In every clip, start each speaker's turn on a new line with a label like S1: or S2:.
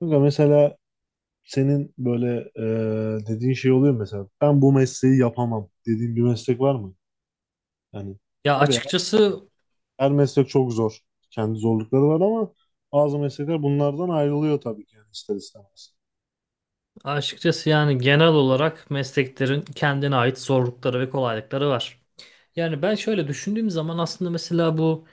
S1: Kanka mesela senin böyle dediğin şey oluyor mu mesela ben bu mesleği yapamam dediğin bir meslek var mı? Yani
S2: Ya
S1: tabii
S2: açıkçası
S1: her meslek çok zor. Kendi zorlukları var ama bazı meslekler bunlardan ayrılıyor tabii ki yani ister istemez.
S2: açıkçası yani genel olarak mesleklerin kendine ait zorlukları ve kolaylıkları var. Yani ben şöyle düşündüğüm zaman aslında mesela bu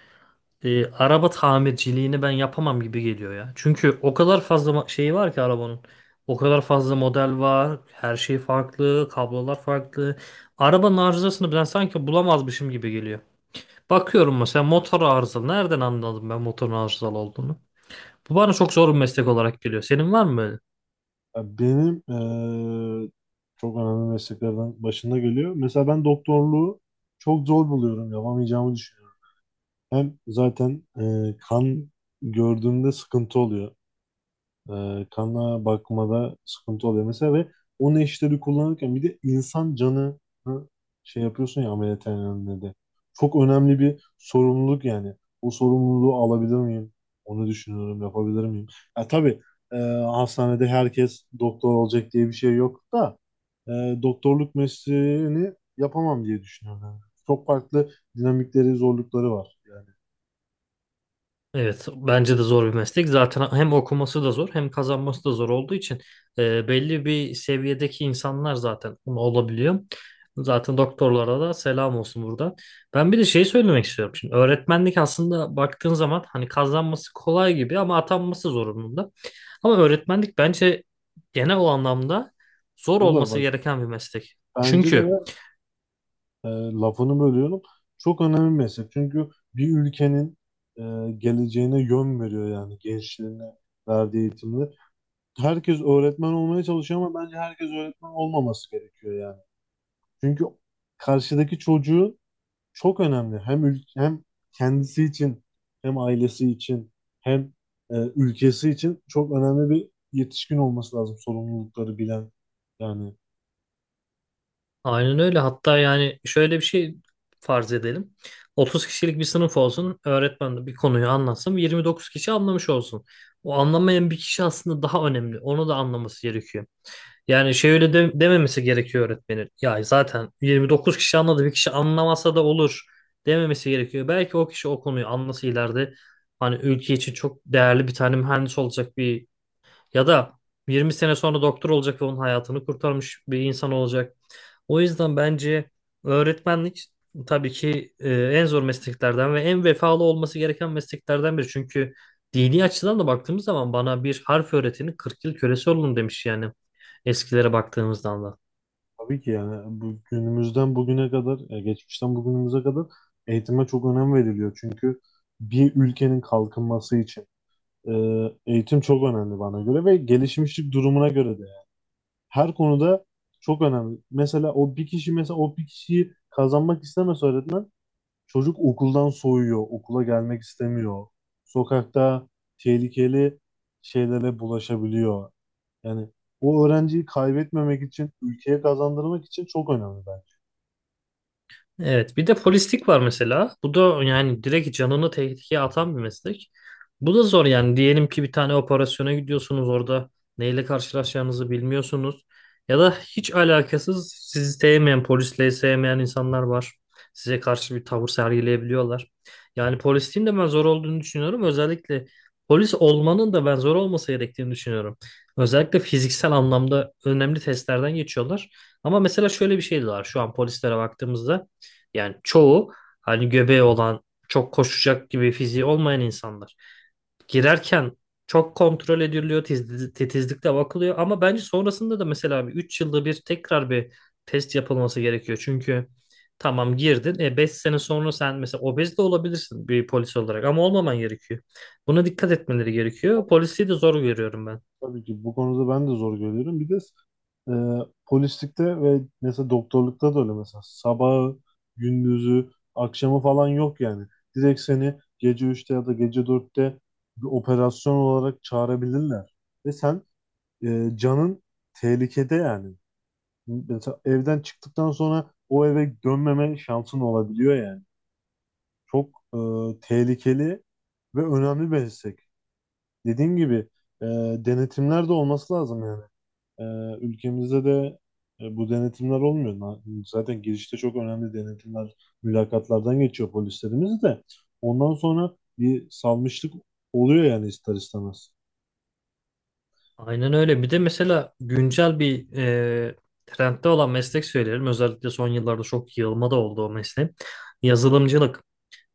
S2: araba tamirciliğini ben yapamam gibi geliyor ya. Çünkü o kadar fazla şeyi var ki arabanın. O kadar fazla model var. Her şey farklı. Kablolar farklı. Arabanın arızasını ben sanki bulamazmışım gibi geliyor. Bakıyorum mesela motor arızalı. Nereden anladım ben motorun arızalı olduğunu? Bu bana çok zor bir meslek olarak geliyor. Senin var mı böyle?
S1: Ya benim e, çok önemli mesleklerden başında geliyor. Mesela ben doktorluğu çok zor buluyorum. Yapamayacağımı düşünüyorum. Hem zaten kan gördüğümde sıkıntı oluyor. Kana bakmada sıkıntı oluyor mesela ve o neşteri kullanırken bir de insan canı şey yapıyorsun ya ameliyathanede de. Çok önemli bir sorumluluk yani. O sorumluluğu alabilir miyim? Onu düşünüyorum, yapabilir miyim? Ya tabii e, hastanede herkes doktor olacak diye bir şey yok da e, doktorluk mesleğini yapamam diye düşünüyorum. Yani. Çok farklı dinamikleri, zorlukları var. Yani
S2: Evet, bence de zor bir meslek. Zaten hem okuması da zor, hem kazanması da zor olduğu için belli bir seviyedeki insanlar zaten bunu olabiliyor. Zaten doktorlara da selam olsun buradan. Ben bir de şey söylemek istiyorum. Şimdi öğretmenlik aslında baktığın zaman hani kazanması kolay gibi ama atanması zorunlu. Ama öğretmenlik bence genel o anlamda zor
S1: o da
S2: olması
S1: bak
S2: gereken bir meslek.
S1: bence
S2: Çünkü
S1: de lafını bölüyorum. Çok önemli bir meslek. Çünkü bir ülkenin e, geleceğine yön veriyor yani gençliğine verdiği eğitimler. Herkes öğretmen olmaya çalışıyor ama bence herkes öğretmen olmaması gerekiyor yani. Çünkü karşıdaki çocuğu çok önemli. Hem ül- hem kendisi için hem ailesi için hem ülkesi için çok önemli bir yetişkin olması lazım sorumlulukları bilen yani.
S2: aynen öyle. Hatta yani şöyle bir şey farz edelim. 30 kişilik bir sınıf olsun. Öğretmen de bir konuyu anlatsın. 29 kişi anlamış olsun. O anlamayan bir kişi aslında daha önemli. Onu da anlaması gerekiyor. Yani şey dememesi gerekiyor öğretmenin. Ya zaten 29 kişi anladı. Bir kişi anlamasa da olur dememesi gerekiyor. Belki o kişi o konuyu anlasa ileride hani ülke için çok değerli bir tane mühendis olacak, bir ya da 20 sene sonra doktor olacak ve onun hayatını kurtarmış bir insan olacak. O yüzden bence öğretmenlik tabii ki en zor mesleklerden ve en vefalı olması gereken mesleklerden biri. Çünkü dini açıdan da baktığımız zaman bana bir harf öğretinin 40 yıl kölesi olun demiş yani eskilere baktığımızdan da.
S1: Tabii ki yani bu günümüzden bugüne kadar, geçmişten bugünümüze kadar eğitime çok önem veriliyor. Çünkü bir ülkenin kalkınması için e, eğitim çok önemli bana göre ve gelişmişlik durumuna göre de. Her konuda çok önemli. Mesela o bir kişi mesela o bir kişiyi kazanmak istemez öğretmen, çocuk okuldan soğuyor, okula gelmek istemiyor. Sokakta tehlikeli şeylere bulaşabiliyor. Yani o öğrenciyi kaybetmemek için, ülkeye kazandırmak için çok önemli bence.
S2: Evet, bir de polislik var mesela. Bu da yani direkt canını tehlikeye atan bir meslek. Bu da zor yani. Diyelim ki bir tane operasyona gidiyorsunuz, orada neyle karşılaşacağınızı bilmiyorsunuz. Ya da hiç alakasız sizi sevmeyen, polisle sevmeyen insanlar var. Size karşı bir tavır sergileyebiliyorlar. Yani polisliğin de ben zor olduğunu düşünüyorum. Özellikle polis olmanın da ben zor olması gerektiğini düşünüyorum. Özellikle fiziksel anlamda önemli testlerden geçiyorlar. Ama mesela şöyle bir şey de var şu an polislere baktığımızda. Yani çoğu hani göbeği olan, çok koşacak gibi fiziği olmayan insanlar. Girerken çok kontrol ediliyor, titizlikle bakılıyor ama bence sonrasında da mesela bir 3 yılda bir tekrar bir test yapılması gerekiyor. Çünkü tamam girdin, e 5 sene sonra sen mesela obez de olabilirsin bir polis olarak ama olmaman gerekiyor. Buna dikkat etmeleri gerekiyor. Polisi de zor görüyorum ben.
S1: Tabii ki bu konuda ben de zor görüyorum. Bir de e, polislikte ve mesela doktorlukta da öyle mesela sabahı, gündüzü, akşamı falan yok yani. Direkt seni gece 3'te ya da gece 4'te bir operasyon olarak çağırabilirler. Ve sen canın tehlikede yani. Mesela evden çıktıktan sonra o eve dönmeme şansın olabiliyor yani. Çok tehlikeli ve önemli bir meslek, dediğim gibi e, denetimler de olması lazım yani. E, Ülkemizde de bu denetimler olmuyor. Zaten girişte çok önemli denetimler, mülakatlardan geçiyor polislerimiz de. Ondan sonra bir salmışlık oluyor yani ister istemez.
S2: Aynen öyle. Bir de mesela güncel bir trendde olan meslek söyleyelim. Özellikle son yıllarda çok yığılma da oldu o mesleğin. Yazılımcılık.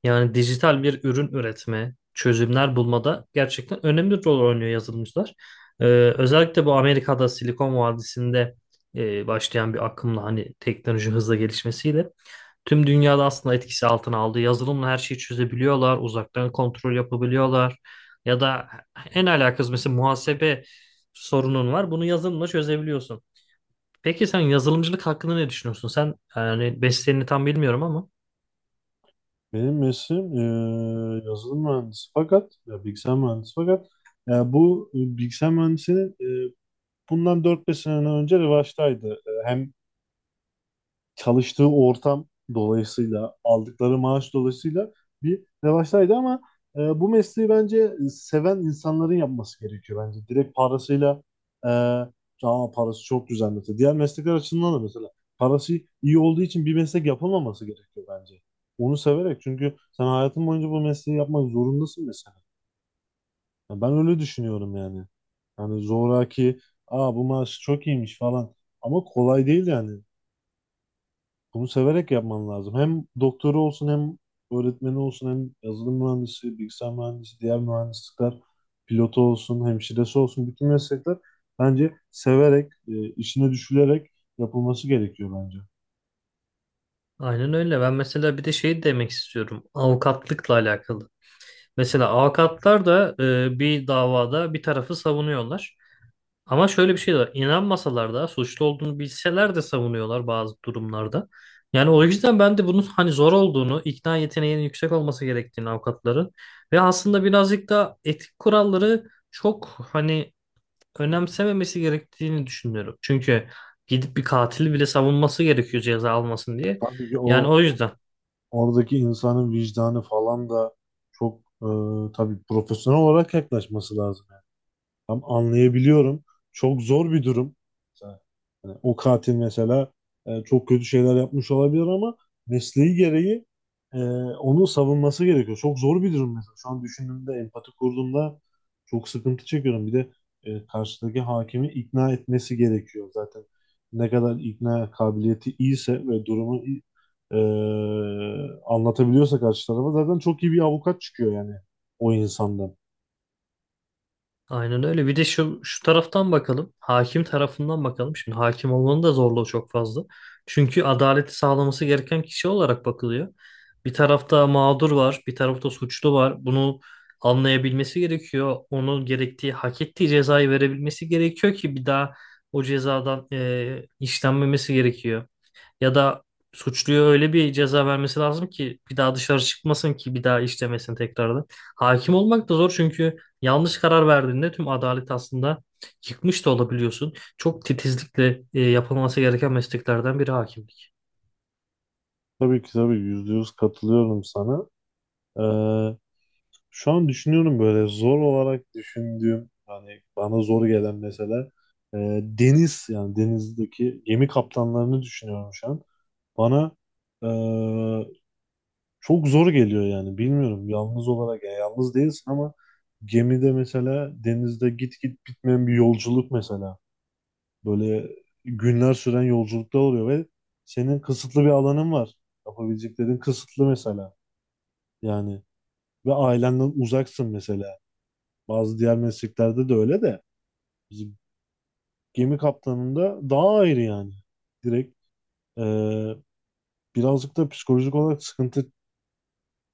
S2: Yani dijital bir ürün üretme, çözümler bulmada gerçekten önemli rol oynuyor yazılımcılar. E, Özellikle bu Amerika'da Silikon Vadisi'nde başlayan bir akımla hani teknoloji hızla gelişmesiyle tüm dünyada aslında etkisi altına aldı. Yazılımla her şeyi çözebiliyorlar, uzaktan kontrol yapabiliyorlar. Ya da en alakasız mesela muhasebe sorunun var. Bunu yazılımla çözebiliyorsun. Peki sen yazılımcılık hakkında ne düşünüyorsun? Sen yani mesleğini tam bilmiyorum ama
S1: Benim mesleğim yazılım mühendisi fakat ya bilgisayar mühendisi fakat ya bu bilgisayar mühendisinin e, bundan 4 5 sene önce revaçtaydı. E, hem çalıştığı ortam dolayısıyla aldıkları maaş dolayısıyla bir revaçtaydı ama bu mesleği bence seven insanların yapması gerekiyor bence. Direkt parasıyla e, "Aa, parası çok güzel mesela. Diğer meslekler açısından da mesela parası iyi olduğu için bir meslek yapılmaması gerekiyor bence. Onu severek, çünkü sen hayatın boyunca bu mesleği yapmak zorundasın mesela. Ya ben öyle düşünüyorum yani. Yani zoraki, aa bu maaş çok iyiymiş falan. Ama kolay değil yani. Bunu severek yapman lazım. Hem doktoru olsun hem öğretmeni olsun hem yazılım mühendisi, bilgisayar mühendisi, diğer mühendislikler, pilotu olsun, hemşiresi olsun bütün meslekler bence severek, işine düşülerek yapılması gerekiyor bence.
S2: aynen öyle. Ben mesela bir de şey demek istiyorum. Avukatlıkla alakalı. Mesela avukatlar da bir davada bir tarafı savunuyorlar. Ama şöyle bir şey de var. İnanmasalar da suçlu olduğunu bilseler de savunuyorlar bazı durumlarda. Yani o yüzden ben de bunun hani zor olduğunu, ikna yeteneğinin yüksek olması gerektiğini avukatların ve aslında birazcık da etik kuralları çok hani önemsememesi gerektiğini düşünüyorum. Çünkü gidip bir katili bile savunması gerekiyor ceza almasın diye.
S1: Tabii ki
S2: Yani
S1: o
S2: o yüzden.
S1: oradaki insanın vicdanı falan da çok tabii profesyonel olarak yaklaşması lazım. Tam anlayabiliyorum. Çok zor bir durum. Hani o katil mesela çok kötü şeyler yapmış olabilir ama mesleği gereği e, onu savunması gerekiyor. Çok zor bir durum mesela. Şu an düşündüğümde, empati kurduğumda çok sıkıntı çekiyorum. Bir de karşıdaki hakimi ikna etmesi gerekiyor zaten. Ne kadar ikna kabiliyeti iyiyse ve durumu iyi- e, anlatabiliyorsa karşı tarafa zaten çok iyi bir avukat çıkıyor yani o insandan.
S2: Aynen öyle. Bir de şu taraftan bakalım. Hakim tarafından bakalım. Şimdi hakim olmanın da zorluğu çok fazla. Çünkü adaleti sağlaması gereken kişi olarak bakılıyor. Bir tarafta mağdur var, bir tarafta suçlu var. Bunu anlayabilmesi gerekiyor. Onun gerektiği, hak ettiği cezayı verebilmesi gerekiyor ki bir daha o cezadan işlenmemesi gerekiyor. Ya da suçluya öyle bir ceza vermesi lazım ki bir daha dışarı çıkmasın, ki bir daha işlemesin tekrardan. Hakim olmak da zor, çünkü yanlış karar verdiğinde tüm adalet aslında yıkmış da olabiliyorsun. Çok titizlikle yapılması gereken mesleklerden biri hakimlik.
S1: Tabii ki tabii, %100 katılıyorum sana. E, Şu an düşünüyorum böyle zor olarak düşündüğüm hani bana zor gelen mesela deniz yani denizdeki gemi kaptanlarını düşünüyorum şu an. Bana e, çok zor geliyor yani bilmiyorum yalnız olarak ya yalnız değilsin ama gemide mesela denizde git git bitmeyen bir yolculuk mesela böyle günler süren yolculukta oluyor ve senin kısıtlı bir alanın var, yapabileceklerin kısıtlı mesela yani ve ailenden uzaksın mesela. Bazı diğer mesleklerde de öyle de bizim gemi kaptanında daha ayrı yani. Direkt e, birazcık da psikolojik olarak sıkıntı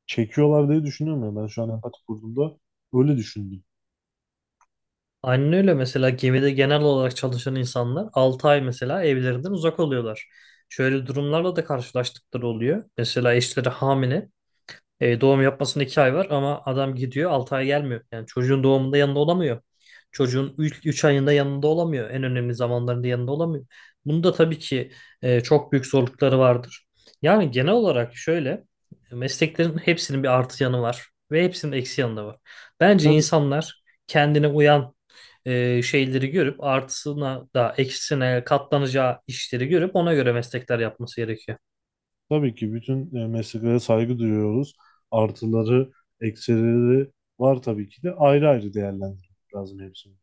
S1: çekiyorlar diye düşünüyorum ya. Ben şu an empati kurduğumda öyle düşündüm.
S2: Aynen öyle, mesela gemide genel olarak çalışan insanlar 6 ay mesela evlerinden uzak oluyorlar. Şöyle durumlarla da karşılaştıkları oluyor. Mesela eşleri hamile. E, doğum yapmasında 2 ay var ama adam gidiyor 6 ay gelmiyor. Yani çocuğun doğumunda yanında olamıyor. Çocuğun 3 ayında yanında olamıyor. En önemli zamanlarında yanında olamıyor. Bunda tabii ki çok büyük zorlukları vardır. Yani genel olarak şöyle, mesleklerin hepsinin bir artı yanı var ve hepsinin eksi yanı da var. Bence
S1: Tabii,
S2: insanlar kendine uyan şeyleri görüp artısına da eksisine katlanacağı işleri görüp ona göre meslekler yapması gerekiyor.
S1: tabii ki bütün mesleklere saygı duyuyoruz. Artıları, eksileri var tabii ki de ayrı ayrı değerlendirmek lazım hepsini.